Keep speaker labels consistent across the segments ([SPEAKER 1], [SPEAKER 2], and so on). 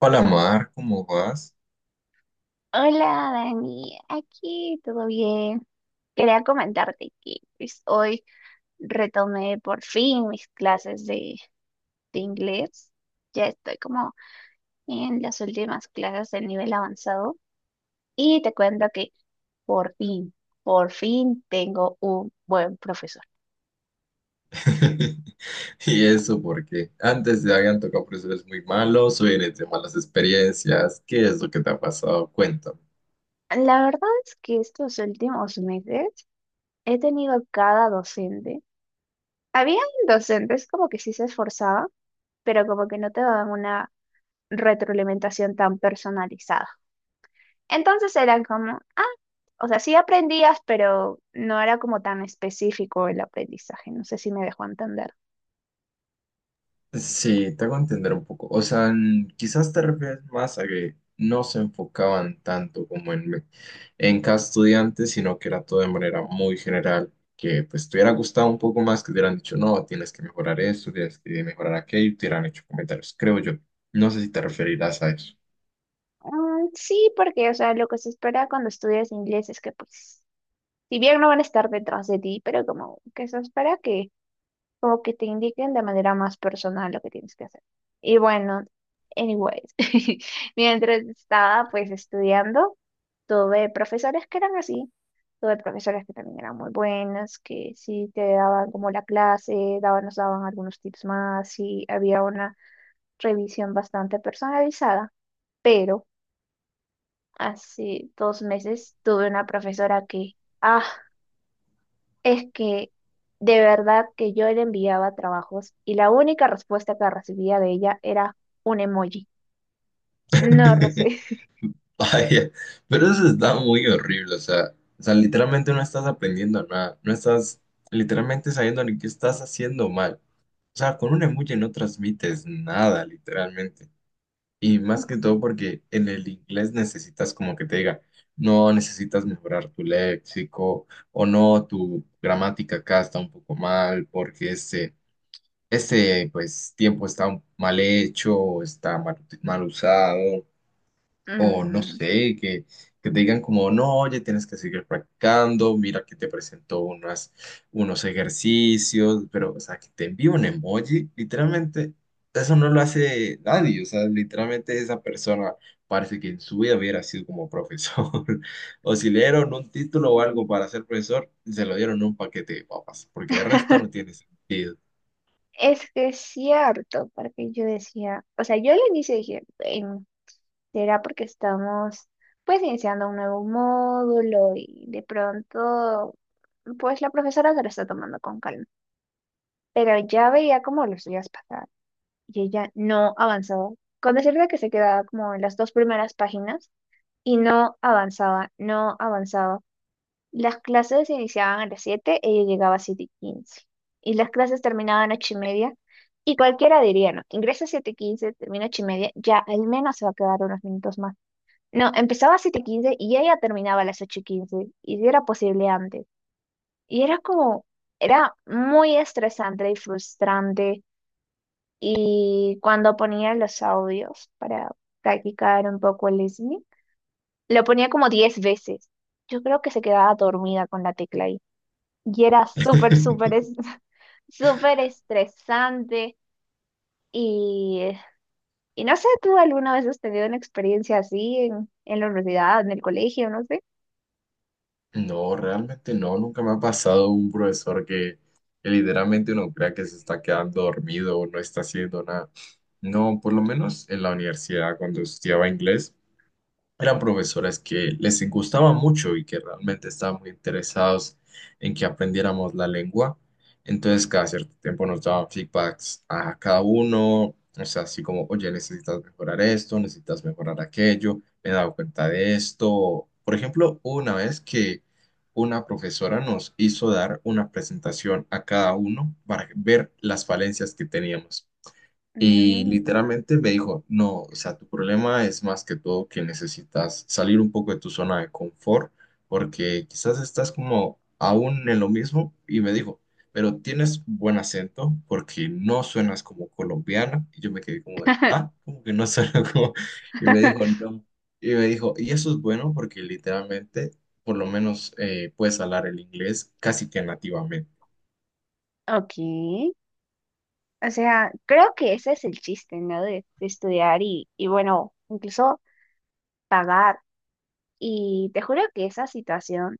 [SPEAKER 1] Hola Mar, ¿cómo vas?
[SPEAKER 2] Hola Dani, aquí todo bien. Quería comentarte que pues, hoy retomé por fin mis clases de inglés. Ya estoy como en las últimas clases del nivel avanzado y te cuento que por fin, por fin tengo un buen profesor.
[SPEAKER 1] Y eso porque antes te habían tocado profesores muy malos, hoy vienes de malas experiencias. ¿Qué es lo que te ha pasado? Cuéntame.
[SPEAKER 2] La verdad es que estos últimos meses he tenido cada docente. Habían docentes como que sí se esforzaban, pero como que no te daban una retroalimentación tan personalizada. Entonces era como, ah, o sea, sí aprendías, pero no era como tan específico el aprendizaje. No sé si me dejó entender.
[SPEAKER 1] Sí, te hago entender un poco. O sea, quizás te refieres más a que no se enfocaban tanto como en, en cada estudiante, sino que era todo de manera muy general, que pues te hubiera gustado un poco más que te hubieran dicho, no, tienes que mejorar esto, tienes que mejorar aquello, y te hubieran hecho comentarios, creo yo. No sé si te referirás a eso.
[SPEAKER 2] Mm, sí, porque, o sea, lo que se espera cuando estudias inglés es que, pues, si bien no van a estar detrás de ti, pero como que se espera que como que te indiquen de manera más personal lo que tienes que hacer. Y bueno, anyways, mientras estaba pues estudiando, tuve profesores que eran así, tuve profesores que también eran muy buenas, que sí te daban como la clase, daban, nos daban algunos tips más y había una revisión bastante personalizada, pero hace dos meses tuve una profesora que, ah, es que de verdad que yo le enviaba trabajos y la única respuesta que recibía de ella era un emoji. No recibí.
[SPEAKER 1] Vaya, pero eso está muy horrible, o sea, literalmente no estás aprendiendo nada, no estás literalmente sabiendo ni qué estás haciendo mal. O sea, con un emoji no transmites nada, literalmente. Y más que todo porque en el inglés necesitas como que te diga, no, necesitas mejorar tu léxico o no, tu gramática acá está un poco mal porque este pues tiempo está mal hecho, está mal usado. O no
[SPEAKER 2] Ujú.
[SPEAKER 1] sé, que te digan como, no, oye, tienes que seguir practicando, mira que te presento unas, unos ejercicios, pero, o sea, que te envíe un emoji, literalmente, eso no lo hace nadie, o sea, literalmente esa persona parece que en su vida hubiera sido como profesor, o si le dieron un título o algo para ser profesor, se lo dieron en un paquete de papas, porque el resto no tiene sentido.
[SPEAKER 2] Es que es cierto, porque yo decía, o sea, yo al inicio dije: "Ven, será porque estamos pues iniciando un nuevo módulo y de pronto pues la profesora se lo está tomando con calma, pero ya veía como los días pasaban y ella no avanzaba. Con decirte que se quedaba como en las dos primeras páginas y no avanzaba, no avanzaba. Las clases iniciaban a las 7, ella llegaba a 7 y 15. Y las clases terminaban a 8 y media. Y cualquiera diría, no, ingresa a 7 y 15, termina a 8 y media, ya al menos se va a quedar unos minutos más. No, empezaba a 7 y 15 y ella terminaba a las 8 y 15. Y si era posible antes. Y era como, era muy estresante y frustrante y cuando ponía los audios para practicar un poco el listening, lo ponía como 10 veces. Yo creo que se quedaba dormida con la tecla ahí. Y era súper, súper, súper estresante. Y, eh, y no sé, ¿tú alguna vez has tenido una experiencia así en la universidad, en el colegio, no sé?
[SPEAKER 1] No, realmente no, nunca me ha pasado un profesor que literalmente uno crea que se está quedando dormido o no está haciendo nada. No, por lo menos en la universidad cuando estudiaba inglés eran profesoras que les gustaba mucho y que realmente estaban muy interesados en que aprendiéramos la lengua. Entonces, cada cierto tiempo nos daban feedbacks a cada uno, o sea, así como, oye, necesitas mejorar esto, necesitas mejorar aquello, me he dado cuenta de esto. Por ejemplo, hubo una vez que una profesora nos hizo dar una presentación a cada uno para ver las falencias que teníamos. Y
[SPEAKER 2] Mm.
[SPEAKER 1] literalmente me dijo, no, o sea, tu problema es más que todo que necesitas salir un poco de tu zona de confort, porque quizás estás como aún en lo mismo. Y me dijo, pero tienes buen acento porque no suenas como colombiana. Y yo me quedé como de, ah, como que no suena como... Y me dijo, no. Y me dijo, y eso es bueno porque literalmente, por lo menos, puedes hablar el inglés casi que nativamente.
[SPEAKER 2] Ok, o sea, creo que ese es el chiste, ¿no? De estudiar y bueno, incluso pagar. Y te juro que esa situación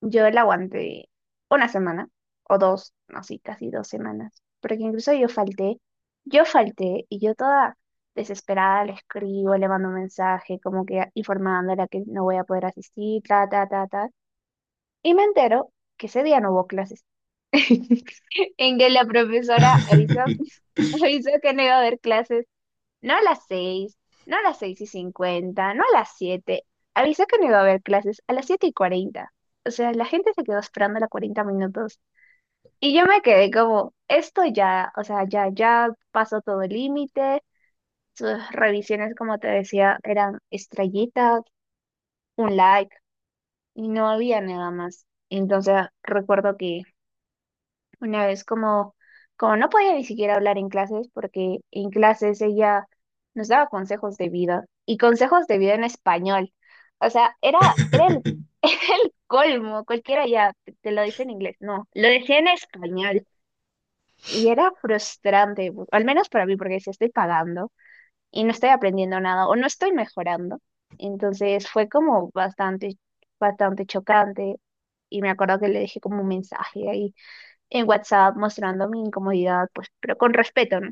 [SPEAKER 2] yo la aguanté una semana o dos, no, sí, casi dos semanas, porque incluso yo falté y yo toda desesperada le escribo, le mando un mensaje como que informándola que no voy a poder asistir, ta, ta, ta, ta. Y me entero que ese día no hubo clases, en que la profesora avisó, avisó que no iba a haber clases. No a las seis, no a las seis y cincuenta, no a las siete. Avisé que no iba a haber clases a las siete y cuarenta. O sea, la gente se quedó esperando a las 40 minutos. Y yo me quedé como, esto ya, o sea, ya, ya pasó todo el límite. Sus revisiones, como te decía, eran estrellitas, un like, y no había nada más. Entonces recuerdo que una vez como, como no podía ni siquiera hablar en clases, porque en clases ella nos daba consejos de vida y consejos de vida en español. O sea, era, era el colmo, cualquiera ya te lo dice en inglés, no, lo decía en español y era frustrante, al menos para mí, porque si estoy pagando y no estoy aprendiendo nada o no estoy mejorando, entonces fue como bastante, bastante chocante y me acuerdo que le dejé como un mensaje en WhatsApp mostrando mi incomodidad, pues, pero con respeto, ¿no?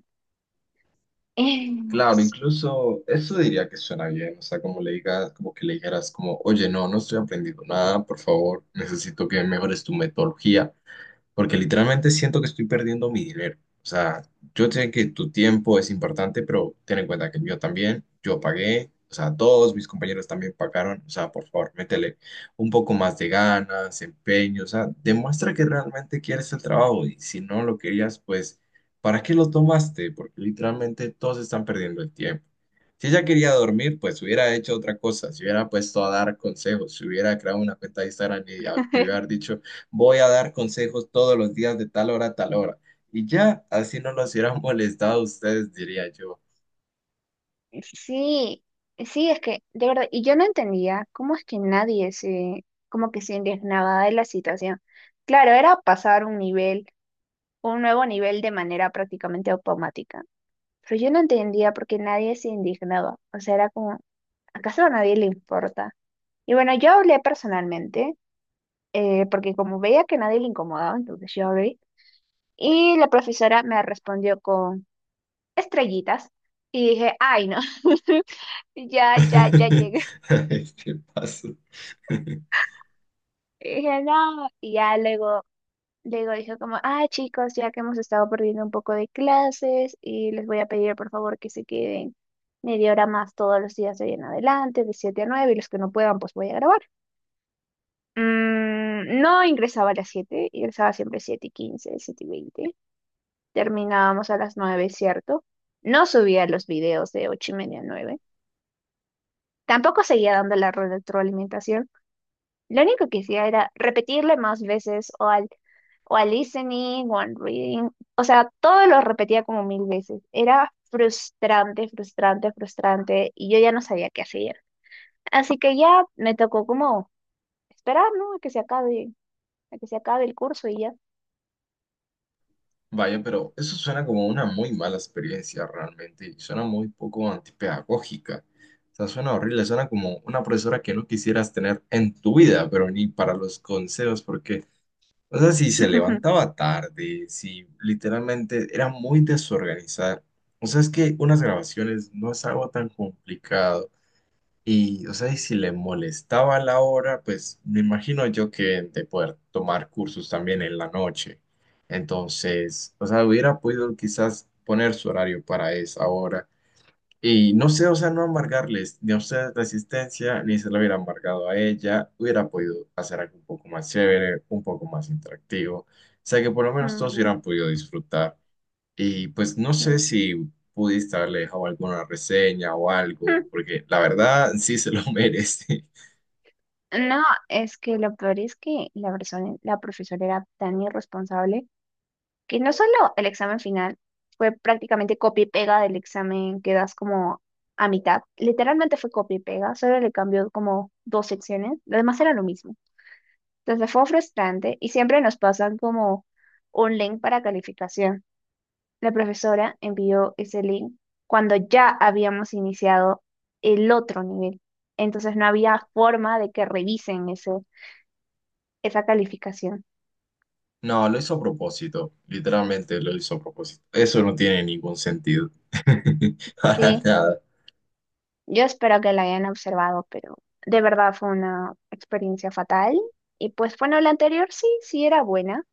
[SPEAKER 1] Claro, incluso eso diría que suena bien, o sea, como le digas, como que le dijeras como, oye, no, no estoy aprendiendo nada, por favor, necesito que mejores tu metodología, porque literalmente siento que estoy perdiendo mi dinero. O sea, yo sé que tu tiempo es importante, pero ten en cuenta que el mío también, yo pagué, o sea, todos mis compañeros también pagaron, o sea, por favor, métele un poco más de ganas, empeño, o sea, demuestra que realmente quieres el trabajo y si no lo querías, pues, ¿para qué lo tomaste? Porque literalmente todos están perdiendo el tiempo. Si ella quería dormir, pues hubiera hecho otra cosa, se hubiera puesto a dar consejos, se hubiera creado una cuenta de Instagram y te hubiera dicho, voy a dar consejos todos los días de tal hora a tal hora. Y ya, así no los hubieran molestado a ustedes, diría yo.
[SPEAKER 2] Sí, sí, es que, de verdad, y yo no entendía cómo es que nadie como que se indignaba de la situación. Claro, era pasar un nivel, un nuevo nivel de manera prácticamente automática, pero yo no entendía por qué nadie se indignaba. O sea, era como, ¿acaso a nadie le importa? Y bueno, yo hablé personalmente, porque como veía que nadie le incomodaba, entonces yo hablé, y la profesora me respondió con estrellitas y dije, ay, no, ya, ya, ya llegué.
[SPEAKER 1] Ay, ¿qué pasó?
[SPEAKER 2] Y dije, no, y ya luego, luego dije como, ah, chicos, ya que hemos estado perdiendo un poco de clases y les voy a pedir por favor que se queden media hora más todos los días de ahí en adelante, de 7 a 9 y los que no puedan, pues voy a grabar. Mm, no ingresaba a las siete, ingresaba siempre 7 y quince, 7 y veinte. Terminábamos a las nueve, ¿cierto? No subía los videos de 8 y media a nueve. Tampoco seguía dando la retroalimentación. Lo único que hacía era repetirle más veces o al listening o al reading. O sea, todo lo repetía como mil veces. Era frustrante, frustrante, frustrante y yo ya no sabía qué hacer. Así que ya me tocó como esperar, ¿no? A que se acabe, a que se acabe el curso y ya.
[SPEAKER 1] Vaya, pero eso suena como una muy mala experiencia realmente y suena muy poco antipedagógica. O sea, suena horrible, suena como una profesora que no quisieras tener en tu vida, pero ni para los consejos, porque... O sea, si se levantaba tarde, si literalmente era muy desorganizada. O sea, es que unas grabaciones no es algo tan complicado. Y, o sea, y si le molestaba la hora, pues me imagino yo que de poder tomar cursos también en la noche. Entonces, o sea, hubiera podido quizás poner su horario para esa hora y no sé, o sea, no amargarles ni a ustedes la existencia, ni se lo hubiera amargado a ella. Hubiera podido hacer algo un poco más chévere, un poco más interactivo. O sea, que por lo menos todos
[SPEAKER 2] Ujú,
[SPEAKER 1] hubieran podido disfrutar. Y pues no
[SPEAKER 2] sí.
[SPEAKER 1] sé si pudiste haberle dejado alguna reseña o algo, porque la verdad sí se lo merece.
[SPEAKER 2] No, es que lo peor es que la persona, la profesora era tan irresponsable que no solo el examen final fue prácticamente copia y pega del examen que das como a mitad, literalmente fue copia y pega, solo le cambió como dos secciones, lo demás era lo mismo. Entonces fue frustrante y siempre nos pasan como un link para calificación. La profesora envió ese link cuando ya habíamos iniciado el otro nivel. Entonces no había forma de que revisen esa calificación.
[SPEAKER 1] No, lo hizo a propósito. Literalmente lo hizo a propósito. Eso no tiene ningún sentido. Para
[SPEAKER 2] Sí,
[SPEAKER 1] nada.
[SPEAKER 2] yo espero que la hayan observado, pero de verdad fue una experiencia fatal. Y pues bueno, la anterior sí, sí era buena.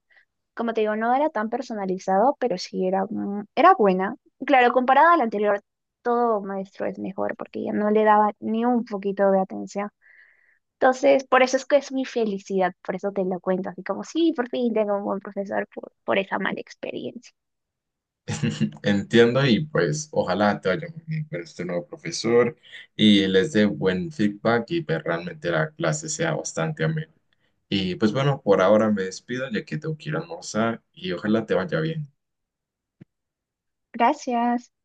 [SPEAKER 2] Como te digo, no era tan personalizado, pero sí era, mm, era buena. Claro, comparada a la anterior, todo maestro es mejor porque ya no le daba ni un poquito de atención. Entonces, por eso es que es mi felicidad, por eso te lo cuento, así como, sí, por fin tengo un buen profesor por esa mala experiencia.
[SPEAKER 1] Entiendo y pues ojalá te vaya muy bien con este nuevo profesor y les dé buen feedback y pues realmente la clase sea bastante amena. Y pues bueno, por ahora me despido ya que tengo que ir a almorzar y ojalá te vaya bien.
[SPEAKER 2] Gracias.